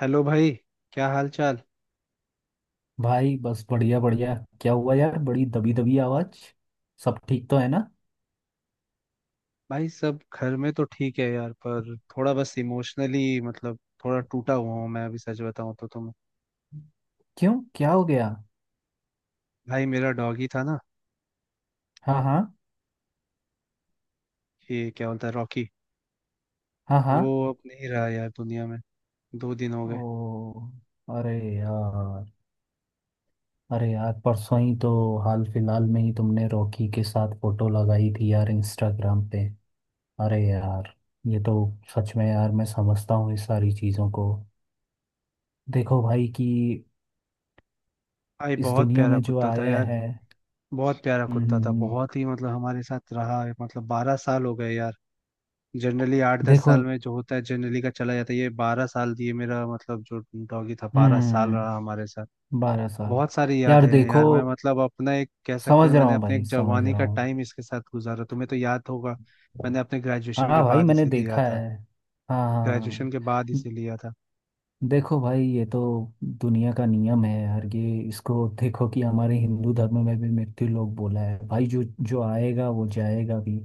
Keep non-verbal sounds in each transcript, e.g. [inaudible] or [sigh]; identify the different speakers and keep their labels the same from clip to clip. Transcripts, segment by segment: Speaker 1: Hello भाई। क्या हाल चाल।
Speaker 2: भाई बस बढ़िया बढ़िया। क्या हुआ यार, बड़ी दबी दबी आवाज। सब ठीक तो है ना?
Speaker 1: भाई सब घर में तो ठीक है यार, पर थोड़ा बस इमोशनली मतलब थोड़ा टूटा हुआ हूँ मैं अभी, सच बताऊँ तो। तुम।
Speaker 2: क्यों, क्या हो गया?
Speaker 1: भाई मेरा डॉगी था ना,
Speaker 2: हाँ, हाँ,
Speaker 1: ये क्या बोलता है, रॉकी।
Speaker 2: हाँ, हाँ।
Speaker 1: वो अब नहीं रहा यार दुनिया में। 2 दिन हो
Speaker 2: ओ।
Speaker 1: गए।
Speaker 2: अरे यार। अरे यार, परसों ही तो, हाल फिलहाल में ही तुमने रॉकी के साथ फोटो लगाई थी यार इंस्टाग्राम पे। अरे यार, ये तो। सच में यार, मैं समझता हूँ इस सारी चीज़ों को। देखो भाई कि
Speaker 1: भाई
Speaker 2: इस
Speaker 1: बहुत
Speaker 2: दुनिया
Speaker 1: प्यारा
Speaker 2: में जो
Speaker 1: कुत्ता था
Speaker 2: आया
Speaker 1: यार।
Speaker 2: है।
Speaker 1: बहुत प्यारा
Speaker 2: हम्म। हम्म।
Speaker 1: कुत्ता था,
Speaker 2: हम्म।
Speaker 1: बहुत ही मतलब हमारे साथ रहा है, मतलब 12 साल हो गए यार। जनरली आठ दस
Speaker 2: देखो।
Speaker 1: साल में जो होता है, जनरली का चला जाता है, ये 12 साल दिए, मेरा मतलब जो डॉगी था 12 साल रहा
Speaker 2: हम्म।
Speaker 1: हमारे साथ।
Speaker 2: 12 साल।
Speaker 1: बहुत सारी
Speaker 2: यार
Speaker 1: यादें हैं
Speaker 2: देखो,
Speaker 1: यार, मैं मतलब अपना एक कह सकते हैं,
Speaker 2: समझ रहा
Speaker 1: मैंने
Speaker 2: हूँ
Speaker 1: अपने
Speaker 2: भाई,
Speaker 1: एक
Speaker 2: समझ
Speaker 1: जवानी
Speaker 2: रहा
Speaker 1: का
Speaker 2: हूँ।
Speaker 1: टाइम इसके साथ गुजारा, तुम्हें तो याद होगा। मैंने अपने ग्रेजुएशन के
Speaker 2: हाँ भाई,
Speaker 1: बाद
Speaker 2: मैंने
Speaker 1: इसे लिया
Speaker 2: देखा
Speaker 1: था।
Speaker 2: है। हाँ, हाँ, हाँ।
Speaker 1: ग्रेजुएशन के बाद
Speaker 2: द-
Speaker 1: इसे लिया था।
Speaker 2: देखो भाई, ये तो दुनिया का नियम है यार। ये इसको देखो कि हमारे हिंदू धर्म में भी मृत्यु लोक बोला है भाई, जो जो आएगा वो जाएगा भी।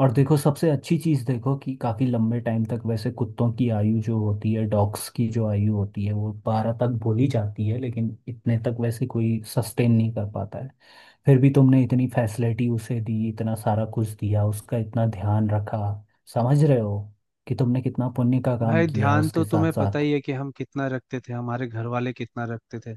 Speaker 2: और देखो, सबसे अच्छी चीज़ देखो कि काफ़ी लंबे टाइम तक, वैसे कुत्तों की आयु जो होती है, डॉग्स की जो आयु होती है वो 12 तक बोली जाती है, लेकिन इतने तक वैसे कोई सस्टेन नहीं कर पाता है। फिर भी तुमने इतनी फैसिलिटी उसे दी, इतना सारा कुछ दिया, उसका इतना ध्यान रखा। समझ रहे हो कि तुमने कितना पुण्य का काम
Speaker 1: भाई
Speaker 2: किया है
Speaker 1: ध्यान तो
Speaker 2: उसके साथ
Speaker 1: तुम्हें पता
Speaker 2: साथ।
Speaker 1: ही है कि हम कितना रखते थे, हमारे घर वाले कितना रखते थे।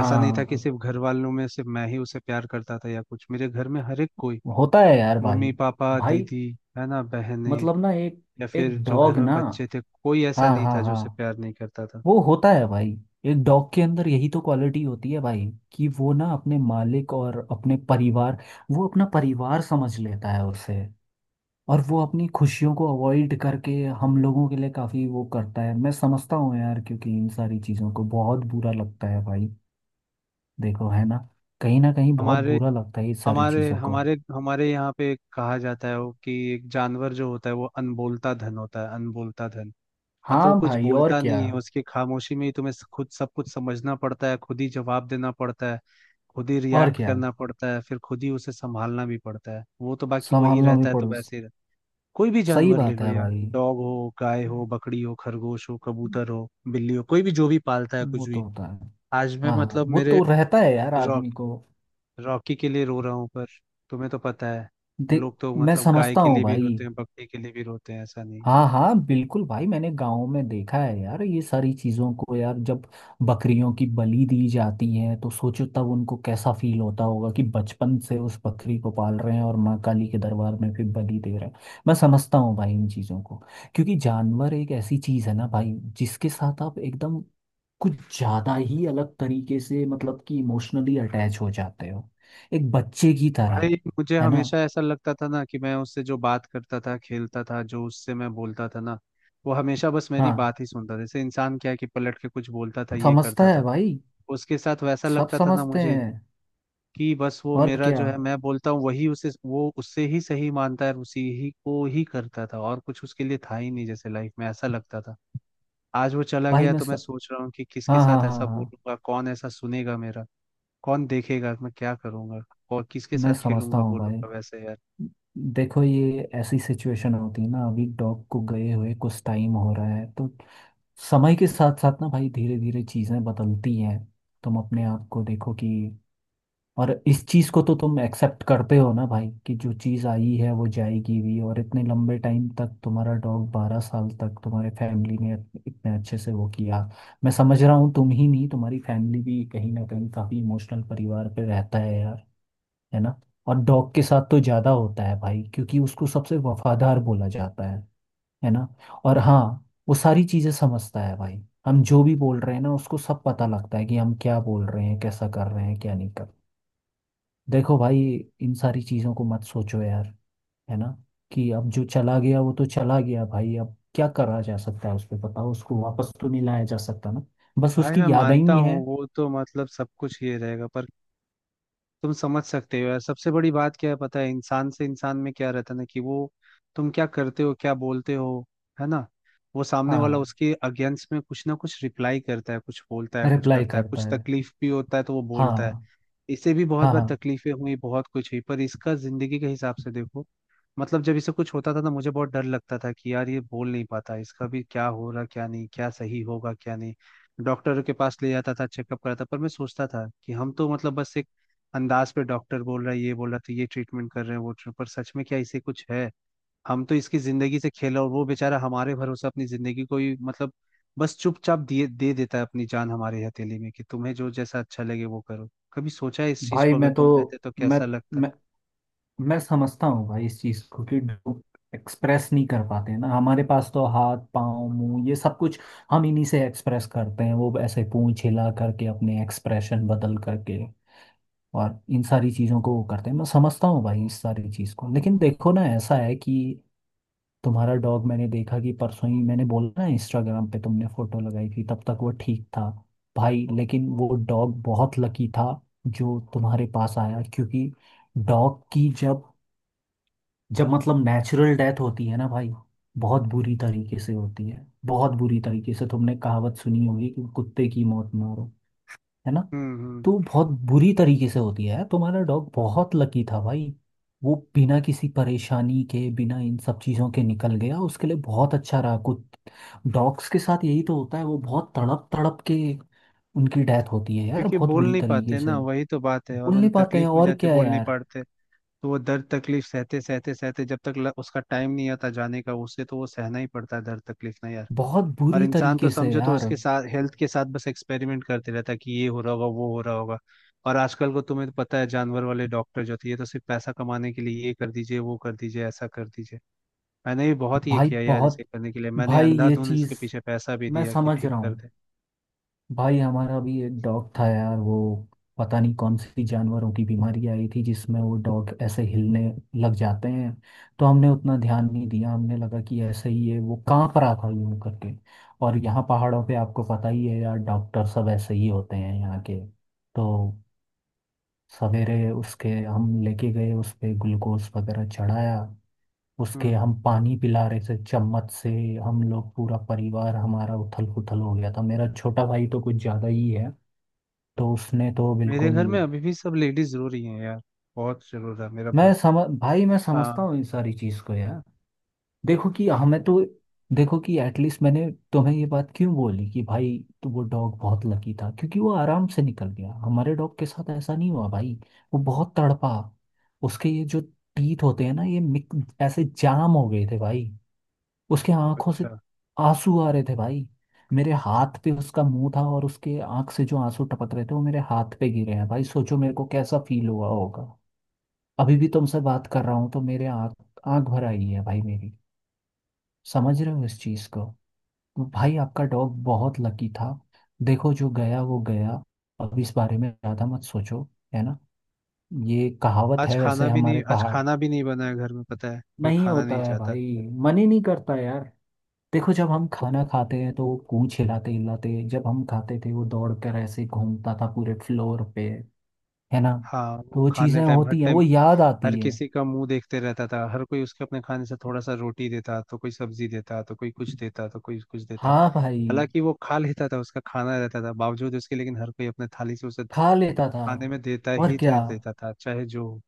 Speaker 1: ऐसा नहीं था कि सिर्फ घर वालों में सिर्फ मैं ही उसे प्यार करता था या कुछ, मेरे घर में हर एक कोई,
Speaker 2: होता है यार भाई।
Speaker 1: मम्मी पापा
Speaker 2: भाई
Speaker 1: दीदी, है ना, बहनें,
Speaker 2: मतलब ना एक,
Speaker 1: या फिर
Speaker 2: एक
Speaker 1: जो घर
Speaker 2: डॉग
Speaker 1: में
Speaker 2: ना।
Speaker 1: बच्चे थे, कोई ऐसा
Speaker 2: हाँ,
Speaker 1: नहीं
Speaker 2: हाँ,
Speaker 1: था जो उसे
Speaker 2: हाँ।
Speaker 1: प्यार नहीं करता था।
Speaker 2: वो होता है भाई। एक डॉग के अंदर यही तो क्वालिटी होती है भाई, कि वो ना अपने मालिक और अपने परिवार, वो अपना परिवार समझ लेता है उसे। और वो अपनी खुशियों को अवॉइड करके हम लोगों के लिए काफी वो करता है। मैं समझता हूँ यार, क्योंकि इन सारी चीजों को बहुत बुरा लगता है भाई। देखो, है ना, कहीं ना कहीं बहुत
Speaker 1: हमारे
Speaker 2: बुरा लगता है ये सारी
Speaker 1: हमारे
Speaker 2: चीजों को।
Speaker 1: हमारे हमारे यहाँ पे कहा जाता है वो कि एक जानवर जो होता है वो अनबोलता धन होता है, अनबोलता धन। मतलब वो
Speaker 2: हाँ
Speaker 1: कुछ
Speaker 2: भाई, और
Speaker 1: बोलता
Speaker 2: क्या।
Speaker 1: नहीं है, उसकी खामोशी में ही तुम्हें खुद सब कुछ समझना पड़ता है, खुद ही जवाब देना पड़ता है, खुद ही
Speaker 2: और
Speaker 1: रिएक्ट
Speaker 2: क्या।
Speaker 1: करना पड़ता है, फिर खुद ही उसे संभालना भी पड़ता है। वो तो बाकी वही
Speaker 2: संभालना भी
Speaker 1: रहता है तो
Speaker 2: पड़ो।
Speaker 1: वैसे ही रहता है। कोई भी
Speaker 2: सही
Speaker 1: जानवर ले
Speaker 2: बात
Speaker 1: लो
Speaker 2: है
Speaker 1: यार,
Speaker 2: भाई,
Speaker 1: डॉग हो, गाय हो, बकरी हो, खरगोश हो, कबूतर हो, बिल्ली हो, कोई भी जो भी पालता है
Speaker 2: वो
Speaker 1: कुछ
Speaker 2: तो
Speaker 1: भी।
Speaker 2: होता है।
Speaker 1: आज मैं
Speaker 2: हाँ, हाँ,
Speaker 1: मतलब
Speaker 2: वो
Speaker 1: मेरे
Speaker 2: तो रहता है यार
Speaker 1: रॉ-
Speaker 2: आदमी को।
Speaker 1: रॉकी के लिए रो रहा हूँ, पर तुम्हें तो पता है,
Speaker 2: देख,
Speaker 1: लोग तो
Speaker 2: मैं
Speaker 1: मतलब गाय
Speaker 2: समझता
Speaker 1: के
Speaker 2: हूँ
Speaker 1: लिए भी
Speaker 2: भाई।
Speaker 1: रोते हैं, बकरी के लिए भी रोते हैं, ऐसा नहीं।
Speaker 2: हाँ, हाँ, बिल्कुल भाई, मैंने गांव में देखा है यार ये सारी चीज़ों को यार। जब बकरियों की बलि दी जाती है तो सोचो तब उनको कैसा फील होता होगा, कि बचपन से उस बकरी को पाल रहे हैं और माँ काली के दरबार में फिर बलि दे रहे हैं। मैं समझता हूँ भाई इन चीज़ों को। क्योंकि जानवर एक ऐसी चीज़ है ना भाई, जिसके साथ आप एकदम कुछ ज़्यादा ही अलग तरीके से मतलब कि इमोशनली अटैच हो जाते हो, एक बच्चे की तरह।
Speaker 1: भाई मुझे
Speaker 2: है ना।
Speaker 1: हमेशा ऐसा लगता था ना कि मैं उससे जो बात करता था, खेलता था, जो उससे मैं बोलता था ना, वो हमेशा बस मेरी
Speaker 2: हाँ,
Speaker 1: बात ही सुनता था। जैसे इंसान क्या है कि पलट के कुछ बोलता था, ये
Speaker 2: समझता
Speaker 1: करता
Speaker 2: है
Speaker 1: था,
Speaker 2: भाई,
Speaker 1: उसके साथ वैसा
Speaker 2: सब
Speaker 1: लगता था ना
Speaker 2: समझते
Speaker 1: मुझे,
Speaker 2: हैं।
Speaker 1: कि बस वो
Speaker 2: और
Speaker 1: मेरा
Speaker 2: क्या।
Speaker 1: जो है मैं बोलता हूँ वही उसे, वो उससे ही सही मानता है और उसी ही को ही करता था, और कुछ उसके लिए था ही नहीं जैसे लाइफ में, ऐसा लगता था। आज वो चला
Speaker 2: भाई
Speaker 1: गया तो मैं सोच रहा हूँ कि किसके
Speaker 2: हाँ, हाँ,
Speaker 1: साथ
Speaker 2: हाँ,
Speaker 1: ऐसा
Speaker 2: हाँ।
Speaker 1: बोलूंगा, कौन ऐसा सुनेगा मेरा, कौन देखेगा मैं क्या करूंगा, और किसके साथ
Speaker 2: मैं समझता
Speaker 1: खेलूंगा
Speaker 2: हूँ भाई।
Speaker 1: बोलूंगा वैसे यार।
Speaker 2: देखो, ये ऐसी सिचुएशन होती है ना, अभी डॉग को गए हुए कुछ टाइम हो रहा है, तो समय के साथ साथ ना भाई धीरे धीरे चीज़ें बदलती हैं। तुम अपने आप को देखो कि, और इस चीज को तो तुम एक्सेप्ट करते हो ना भाई, कि जो चीज आई है वो जाएगी भी। और इतने लंबे टाइम तक तुम्हारा डॉग 12 साल तक तुम्हारे फैमिली ने इतने अच्छे से वो किया। मैं समझ रहा हूँ, तुम ही नहीं तुम्हारी फैमिली भी कहीं ना कहीं काफी इमोशनल परिवार पे रहता है यार। है ना। और डॉग के साथ तो ज्यादा होता है भाई, क्योंकि उसको सबसे वफादार बोला जाता है। है ना। और हाँ, वो सारी चीजें समझता है भाई। हम जो भी बोल रहे हैं ना, उसको सब पता लगता है, कि हम क्या बोल रहे हैं, कैसा कर रहे हैं, क्या नहीं कर। देखो भाई, इन सारी चीजों को मत सोचो यार। है ना। कि अब जो चला गया वो तो चला गया भाई, अब क्या करा जा सकता है उस पे बताओ, उसको वापस तो नहीं लाया जा सकता ना। बस
Speaker 1: भाई
Speaker 2: उसकी
Speaker 1: मैं
Speaker 2: याद
Speaker 1: मानता
Speaker 2: ही है।
Speaker 1: हूँ वो तो मतलब सब कुछ ये रहेगा, पर तुम समझ सकते हो यार, सबसे बड़ी बात क्या है पता है, इंसान से इंसान में क्या रहता है ना, कि वो तुम क्या करते हो क्या बोलते हो, है ना, वो सामने वाला
Speaker 2: हाँ,
Speaker 1: उसके अगेंस्ट में कुछ ना कुछ रिप्लाई करता है, कुछ बोलता है, कुछ
Speaker 2: रिप्लाई
Speaker 1: करता है,
Speaker 2: करता
Speaker 1: कुछ
Speaker 2: है।
Speaker 1: तकलीफ भी होता है तो वो
Speaker 2: हाँ,
Speaker 1: बोलता है। इसे भी बहुत
Speaker 2: हाँ,
Speaker 1: बार
Speaker 2: हाँ।
Speaker 1: तकलीफें हुई, बहुत कुछ हुई, पर इसका जिंदगी के हिसाब से देखो, मतलब जब इसे कुछ होता था ना, मुझे बहुत डर लगता था कि यार ये बोल नहीं पाता, इसका भी क्या हो रहा क्या नहीं, क्या सही होगा क्या नहीं। डॉक्टर के पास ले जाता था, चेकअप कराता, पर मैं सोचता था कि हम तो मतलब बस एक अंदाज पे, डॉक्टर बोल रहा है, ये बोल रहा है तो ये ट्रीटमेंट कर रहे हैं, वो पर सच में क्या इसे कुछ है। हम तो इसकी जिंदगी से खेल, और वो बेचारा हमारे भरोसे अपनी जिंदगी को ही मतलब बस चुपचाप दिए दे देता है अपनी जान हमारी हथेली में, कि तुम्हें जो जैसा अच्छा लगे वो करो। कभी सोचा है इस चीज
Speaker 2: भाई
Speaker 1: को, अगर
Speaker 2: मैं तो
Speaker 1: तुम रहते तो
Speaker 2: मैं
Speaker 1: कैसा लगता।
Speaker 2: मैं मैं समझता हूँ भाई इस चीज को, कि एक्सप्रेस नहीं कर पाते हैं ना, हमारे पास तो हाथ पाँव मुंह ये सब कुछ, हम इन्हीं से एक्सप्रेस करते हैं, वो ऐसे पूंछ हिला करके, अपने एक्सप्रेशन बदल करके और इन सारी चीज़ों को वो करते हैं। मैं समझता हूँ भाई इस सारी चीज़ को, लेकिन देखो ना, ऐसा है कि तुम्हारा डॉग, मैंने देखा कि परसों ही मैंने बोला ना इंस्टाग्राम पे तुमने फोटो लगाई थी, तब तक वो ठीक था भाई। लेकिन वो डॉग बहुत लकी था जो तुम्हारे पास आया, क्योंकि डॉग की जब जब मतलब नेचुरल डेथ होती है ना भाई, बहुत बुरी तरीके से होती है। बहुत बुरी तरीके से। तुमने कहावत सुनी होगी कि कुत्ते की मौत मारो। है ना।
Speaker 1: हम्म। हम्म।
Speaker 2: तो बहुत बुरी तरीके से होती है। तुम्हारा डॉग बहुत लकी था भाई, वो बिना किसी परेशानी के, बिना इन सब चीज़ों के निकल गया, उसके लिए बहुत अच्छा रहा। कुछ डॉग्स के साथ यही तो होता है, वो बहुत तड़प तड़प के उनकी डेथ होती है यार,
Speaker 1: क्योंकि
Speaker 2: बहुत
Speaker 1: बोल
Speaker 2: बुरी
Speaker 1: नहीं
Speaker 2: तरीके
Speaker 1: पाते ना,
Speaker 2: से।
Speaker 1: वही तो बात है, और
Speaker 2: बोल नहीं
Speaker 1: उन्हें
Speaker 2: पाते
Speaker 1: तकलीफ
Speaker 2: हैं
Speaker 1: में
Speaker 2: और
Speaker 1: जाते
Speaker 2: क्या है
Speaker 1: बोल नहीं
Speaker 2: यार,
Speaker 1: पाते। तो वो दर्द तकलीफ सहते सहते सहते, जब तक उसका टाइम नहीं आता जाने का उसे, तो वो सहना ही पड़ता है दर्द तकलीफ ना यार।
Speaker 2: बहुत
Speaker 1: और
Speaker 2: बुरी
Speaker 1: इंसान तो
Speaker 2: तरीके से
Speaker 1: समझो तो
Speaker 2: यार।
Speaker 1: उसके साथ हेल्थ के साथ बस एक्सपेरिमेंट करते रहता है, कि ये हो रहा होगा, वो हो रहा होगा। और आजकल को तुम्हें तो पता है, जानवर वाले डॉक्टर जो थे, ये तो सिर्फ पैसा कमाने के लिए ये कर दीजिए, वो कर दीजिए, ऐसा कर दीजिए। मैंने भी बहुत ये
Speaker 2: भाई
Speaker 1: किया यार,
Speaker 2: बहुत
Speaker 1: इसे करने के लिए मैंने
Speaker 2: भाई, ये
Speaker 1: अंधाधुंध इसके
Speaker 2: चीज़
Speaker 1: पीछे पैसा भी
Speaker 2: मैं
Speaker 1: दिया कि
Speaker 2: समझ
Speaker 1: ठीक
Speaker 2: रहा
Speaker 1: कर
Speaker 2: हूँ।
Speaker 1: दे।
Speaker 2: भाई हमारा भी एक डॉग था यार। वो, पता नहीं कौन सी जानवरों की बीमारी आई थी, जिसमें वो डॉग ऐसे हिलने लग जाते हैं। तो हमने उतना ध्यान नहीं दिया, हमने लगा कि ऐसे ही है, वो कांप रहा था यूं करके। और यहाँ पहाड़ों पे आपको पता ही है यार, डॉक्टर सब ऐसे ही होते हैं यहाँ के। तो सवेरे उसके हम लेके गए, उस पे ग्लूकोज वगैरह चढ़ाया, उसके
Speaker 1: हम्म।
Speaker 2: हम पानी पिला रहे थे चम्मच से। हम लोग पूरा परिवार हमारा उथल पुथल हो गया था, मेरा छोटा भाई तो कुछ ज़्यादा ही है, तो उसने तो
Speaker 1: मेरे
Speaker 2: बिल्कुल।
Speaker 1: घर में अभी भी सब लेडीज जरूर ही हैं यार, बहुत जरूर है मेरा
Speaker 2: मैं
Speaker 1: भक्त।
Speaker 2: समझ भाई, मैं समझता
Speaker 1: हाँ।
Speaker 2: हूँ इन सारी चीज़ को यार। देखो कि हमें तो, देखो कि एटलीस्ट मैंने तुम्हें ये बात क्यों बोली कि भाई, तो वो डॉग बहुत लकी था क्योंकि वो आराम से निकल गया। हमारे डॉग के साथ ऐसा नहीं हुआ भाई, वो बहुत तड़पा। उसके ये जो टीथ होते हैं ना, ये ऐसे जाम हो गए थे भाई। उसके आंखों से
Speaker 1: अच्छा।
Speaker 2: आंसू आ रहे थे भाई। मेरे हाथ पे उसका मुंह था और उसके आंख से जो आंसू टपक रहे थे वो मेरे हाथ पे गिरे हैं भाई, सोचो मेरे को कैसा फील हुआ होगा। अभी भी तुमसे बात कर रहा हूँ तो मेरे आँख, आँख भर आई है भाई मेरी। समझ रहे हो इस चीज़ को। भाई आपका डॉग बहुत लकी था। देखो, जो गया वो गया, अब इस बारे में ज़्यादा मत सोचो। है ना। ये कहावत
Speaker 1: आज
Speaker 2: है
Speaker 1: खाना
Speaker 2: वैसे
Speaker 1: भी
Speaker 2: हमारे
Speaker 1: नहीं, आज
Speaker 2: पहाड़।
Speaker 1: खाना भी नहीं बना है घर में, पता है कोई
Speaker 2: नहीं
Speaker 1: खाना
Speaker 2: होता
Speaker 1: नहीं
Speaker 2: है
Speaker 1: चाहता।
Speaker 2: भाई, मन ही नहीं करता यार। देखो, जब हम खाना खाते हैं तो वो पूंछ हिलाते हिलाते, जब हम खाते थे वो दौड़ कर ऐसे घूमता था पूरे फ्लोर पे। है ना।
Speaker 1: हाँ,
Speaker 2: तो
Speaker 1: वो
Speaker 2: वो
Speaker 1: खाने
Speaker 2: चीज़ें होती हैं,
Speaker 1: टाइम
Speaker 2: वो याद
Speaker 1: हर
Speaker 2: आती है।
Speaker 1: किसी का मुंह देखते रहता था, हर कोई उसके अपने खाने से थोड़ा सा रोटी देता, तो कोई सब्जी देता, तो कोई कुछ देता, तो कोई कुछ देता।
Speaker 2: हाँ भाई,
Speaker 1: हालांकि वो खा लेता था, उसका खाना रहता था बावजूद उसके, लेकिन हर कोई अपने थाली से उसे
Speaker 2: खा लेता था।
Speaker 1: खाने में देता
Speaker 2: और
Speaker 1: ही
Speaker 2: क्या।
Speaker 1: था, देता था, चाहे जो हो।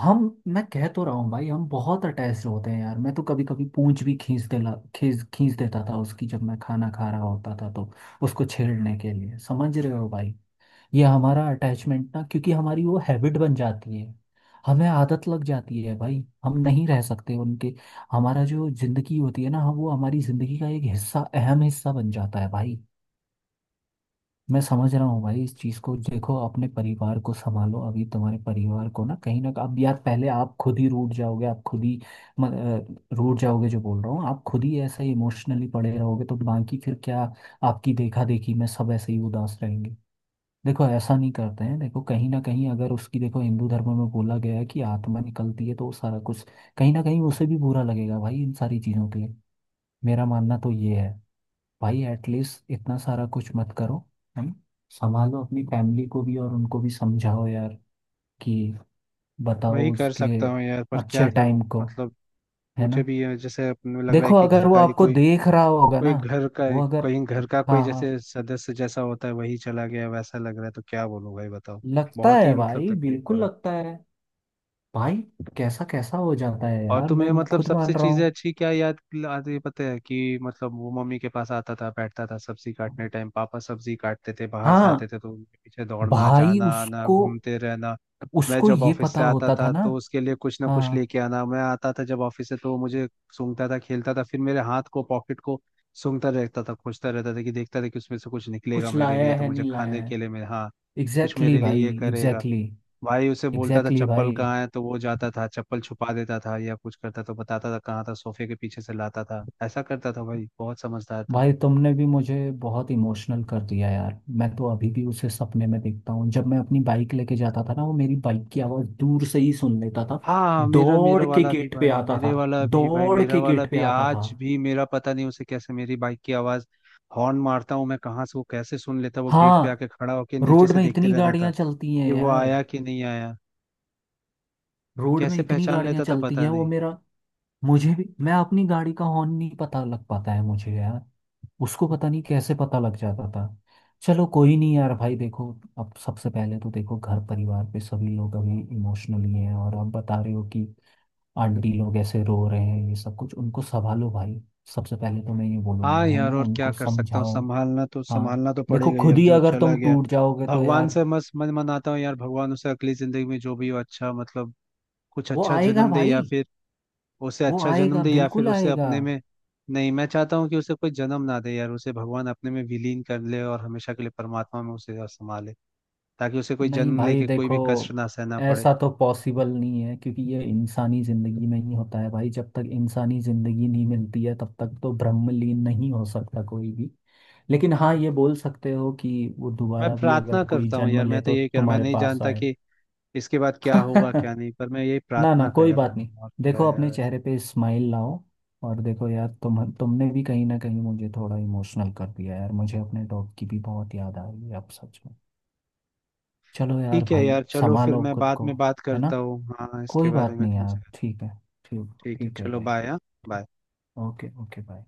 Speaker 2: हम, मैं कह तो रहा हूँ भाई, हम बहुत अटैच्ड होते हैं यार। मैं तो कभी कभी पूंछ भी खींच देला खींच खींच देता था उसकी, जब मैं खाना खा रहा होता था तो उसको छेड़ने के लिए। समझ रहे हो भाई, ये हमारा अटैचमेंट ना, क्योंकि हमारी वो हैबिट बन जाती है, हमें आदत लग जाती है भाई। हम नहीं रह सकते उनके, हमारा जो जिंदगी होती है ना, हम वो, हमारी जिंदगी का एक हिस्सा अहम हिस्सा बन जाता है भाई। मैं समझ रहा हूँ भाई इस चीज़ को। देखो अपने परिवार को संभालो, अभी तुम्हारे परिवार को ना कहीं ना, अब यार पहले आप खुद ही रूठ जाओगे, आप खुद ही म- रूठ जाओगे, जो बोल रहा हूँ। आप खुद ही ऐसे इमोशनली पड़े रहोगे तो बाकी फिर क्या, आपकी देखा देखी में सब ऐसे ही उदास रहेंगे। देखो ऐसा नहीं करते हैं, देखो कहीं ना कहीं अगर उसकी, देखो हिंदू धर्म में बोला गया है कि आत्मा निकलती है तो वो सारा कुछ, कहीं ना कहीं उसे भी बुरा लगेगा भाई इन सारी चीज़ों के लिए। मेरा मानना तो ये है भाई, एटलीस्ट इतना सारा कुछ मत करो। है ना। संभालो अपनी फैमिली को भी और उनको भी समझाओ यार, कि
Speaker 1: वही
Speaker 2: बताओ
Speaker 1: कर
Speaker 2: उसके
Speaker 1: सकता हूँ यार, पर क्या
Speaker 2: अच्छे
Speaker 1: करूँ
Speaker 2: टाइम को।
Speaker 1: मतलब,
Speaker 2: है
Speaker 1: मुझे
Speaker 2: ना।
Speaker 1: भी ये जैसे अपने लग रहा है
Speaker 2: देखो
Speaker 1: कि
Speaker 2: अगर
Speaker 1: घर
Speaker 2: वो
Speaker 1: का ही
Speaker 2: आपको
Speaker 1: कोई,
Speaker 2: देख रहा होगा
Speaker 1: कोई
Speaker 2: ना,
Speaker 1: घर का
Speaker 2: वो अगर।
Speaker 1: कोई घर का कोई
Speaker 2: हाँ, हाँ,
Speaker 1: जैसे सदस्य जैसा होता है, वही चला गया वैसा लग रहा है, तो क्या बोलूं भाई बताओ।
Speaker 2: लगता
Speaker 1: बहुत ही
Speaker 2: है
Speaker 1: मतलब
Speaker 2: भाई,
Speaker 1: तकलीफ हो
Speaker 2: बिल्कुल
Speaker 1: रहा है।
Speaker 2: लगता है भाई। कैसा कैसा हो जाता है
Speaker 1: और
Speaker 2: यार,
Speaker 1: तुम्हें
Speaker 2: मैं
Speaker 1: मतलब
Speaker 2: खुद
Speaker 1: सबसे
Speaker 2: मान रहा
Speaker 1: चीजें
Speaker 2: हूँ।
Speaker 1: अच्छी क्या याद आती है पता है, कि मतलब वो मम्मी के पास आता था, बैठता था, सब्जी काटने टाइम पापा सब्जी काटते थे बाहर से आते
Speaker 2: हाँ
Speaker 1: थे तो उनके पीछे दौड़ना,
Speaker 2: भाई,
Speaker 1: जाना, आना,
Speaker 2: उसको,
Speaker 1: घूमते रहना। मैं
Speaker 2: उसको
Speaker 1: जब
Speaker 2: ये
Speaker 1: ऑफिस
Speaker 2: पता
Speaker 1: से आता
Speaker 2: होता था
Speaker 1: था
Speaker 2: ना।
Speaker 1: तो उसके लिए कुछ ना कुछ
Speaker 2: हाँ,
Speaker 1: लेके आना, मैं आता था जब ऑफिस से तो वो मुझे सूंघता था, खेलता था, फिर मेरे हाथ को, पॉकेट को सूंघता रहता था, खोजता रहता था, कि देखता था कि उसमें से कुछ निकलेगा
Speaker 2: कुछ
Speaker 1: मेरे लिए,
Speaker 2: लाया
Speaker 1: तो
Speaker 2: है
Speaker 1: मुझे
Speaker 2: नहीं लाया
Speaker 1: खाने के
Speaker 2: है।
Speaker 1: लिए मेरे, हाँ, कुछ
Speaker 2: एग्जैक्टली
Speaker 1: मेरे
Speaker 2: exactly भाई,
Speaker 1: लिए ये करेगा।
Speaker 2: एग्जैक्टली।
Speaker 1: भाई उसे बोलता था
Speaker 2: एग्जैक्टली
Speaker 1: चप्पल
Speaker 2: भाई।
Speaker 1: कहाँ है तो वो जाता था चप्पल छुपा देता था, या कुछ करता तो बताता था कहाँ था, सोफे के पीछे से लाता था, ऐसा करता था भाई, बहुत समझदार था।
Speaker 2: भाई तुमने भी मुझे बहुत इमोशनल कर दिया यार, मैं तो अभी भी उसे सपने में देखता हूँ। जब मैं अपनी बाइक लेके जाता था ना, वो मेरी बाइक की आवाज़ दूर से ही सुन लेता था,
Speaker 1: हाँ मेरा मेरा
Speaker 2: दौड़ के
Speaker 1: वाला भी
Speaker 2: गेट पे
Speaker 1: भाई,
Speaker 2: आता
Speaker 1: मेरे
Speaker 2: था।
Speaker 1: वाला भी भाई,
Speaker 2: दौड़
Speaker 1: मेरा
Speaker 2: के
Speaker 1: वाला
Speaker 2: गेट पे
Speaker 1: भी,
Speaker 2: आता था।
Speaker 1: आज भी मेरा पता नहीं उसे कैसे मेरी बाइक की आवाज, हॉर्न मारता हूँ मैं कहाँ से वो कैसे सुन लेता, वो गेट पे
Speaker 2: हाँ,
Speaker 1: आके खड़ा होके नीचे
Speaker 2: रोड
Speaker 1: से
Speaker 2: में
Speaker 1: देखते
Speaker 2: इतनी
Speaker 1: रहता था
Speaker 2: गाड़ियाँ चलती हैं
Speaker 1: कि वो
Speaker 2: यार,
Speaker 1: आया कि नहीं आया।
Speaker 2: रोड में
Speaker 1: कैसे
Speaker 2: इतनी
Speaker 1: पहचान
Speaker 2: गाड़ियाँ
Speaker 1: लेता था
Speaker 2: चलती
Speaker 1: पता
Speaker 2: है। वो
Speaker 1: नहीं।
Speaker 2: मेरा मुझे भी, मैं अपनी गाड़ी का हॉर्न नहीं पता लग पाता है मुझे यार, उसको पता नहीं कैसे पता लग जाता था। चलो कोई नहीं यार भाई, देखो अब सबसे पहले तो देखो, घर परिवार पे सभी लोग अभी इमोशनली हैं और आप बता रहे हो कि आंटी लोग ऐसे रो रहे हैं, ये सब कुछ उनको संभालो भाई। सबसे पहले तो मैं ये बोलूंगा,
Speaker 1: हाँ
Speaker 2: है
Speaker 1: यार,
Speaker 2: ना,
Speaker 1: और क्या
Speaker 2: उनको
Speaker 1: कर सकता हूँ,
Speaker 2: समझाओ। हाँ।
Speaker 1: संभालना तो
Speaker 2: देखो
Speaker 1: पड़ेगा ही,
Speaker 2: खुद
Speaker 1: अब
Speaker 2: ही
Speaker 1: जो
Speaker 2: अगर
Speaker 1: चला
Speaker 2: तुम
Speaker 1: गया।
Speaker 2: टूट जाओगे तो
Speaker 1: भगवान
Speaker 2: यार।
Speaker 1: से मस मन मनाता हूँ यार, भगवान उसे अगली जिंदगी में जो भी हो अच्छा मतलब कुछ
Speaker 2: वो
Speaker 1: अच्छा
Speaker 2: आएगा
Speaker 1: जन्म दे,
Speaker 2: भाई,
Speaker 1: या फिर उसे
Speaker 2: वो
Speaker 1: अच्छा जन्म
Speaker 2: आएगा,
Speaker 1: दे, या फिर
Speaker 2: बिल्कुल
Speaker 1: उसे
Speaker 2: आएगा।
Speaker 1: अपने में, नहीं, मैं चाहता हूँ कि उसे कोई जन्म ना दे यार, उसे भगवान अपने में विलीन कर ले, और हमेशा के लिए परमात्मा में उसे संभाले, ताकि उसे कोई
Speaker 2: नहीं
Speaker 1: जन्म
Speaker 2: भाई
Speaker 1: लेके कोई
Speaker 2: देखो,
Speaker 1: भी कष्ट ना सहना पड़े।
Speaker 2: ऐसा तो पॉसिबल नहीं है, क्योंकि ये इंसानी जिंदगी में ही होता है भाई। जब तक इंसानी जिंदगी नहीं मिलती है तब तक तो ब्रह्मलीन नहीं हो सकता कोई भी। लेकिन हाँ, ये बोल सकते हो कि वो
Speaker 1: मैं
Speaker 2: दोबारा भी
Speaker 1: प्रार्थना
Speaker 2: अगर कोई
Speaker 1: करता हूँ
Speaker 2: जन्म
Speaker 1: यार, मैं
Speaker 2: ले
Speaker 1: तो
Speaker 2: तो
Speaker 1: यही कह रहा हूँ, मैं
Speaker 2: तुम्हारे
Speaker 1: नहीं
Speaker 2: पास
Speaker 1: जानता
Speaker 2: आए।
Speaker 1: कि इसके बाद क्या होगा क्या
Speaker 2: [laughs]
Speaker 1: नहीं, पर मैं यही
Speaker 2: ना, ना,
Speaker 1: प्रार्थना
Speaker 2: कोई
Speaker 1: कर रहा
Speaker 2: बात नहीं।
Speaker 1: हूँ, और क्या
Speaker 2: देखो अपने
Speaker 1: है।
Speaker 2: चेहरे पे स्माइल लाओ। और देखो यार, तुमने भी कहीं ना कहीं मुझे थोड़ा इमोशनल कर दिया यार, मुझे अपने डॉग की भी बहुत याद आ रही है अब सच में। चलो यार
Speaker 1: ठीक है
Speaker 2: भाई,
Speaker 1: यार चलो, फिर
Speaker 2: संभालो
Speaker 1: मैं
Speaker 2: खुद
Speaker 1: बाद
Speaker 2: को।
Speaker 1: में बात
Speaker 2: है ना,
Speaker 1: करता हूँ हाँ इसके
Speaker 2: कोई
Speaker 1: बारे
Speaker 2: बात
Speaker 1: में
Speaker 2: नहीं यार,
Speaker 1: तुमसे।
Speaker 2: ठीक है। ठीक,
Speaker 1: ठीक है
Speaker 2: ठीक है
Speaker 1: चलो,
Speaker 2: भाई।
Speaker 1: बाय। हाँ।
Speaker 2: ठीक।
Speaker 1: बाय।
Speaker 2: Okay, okay, bye.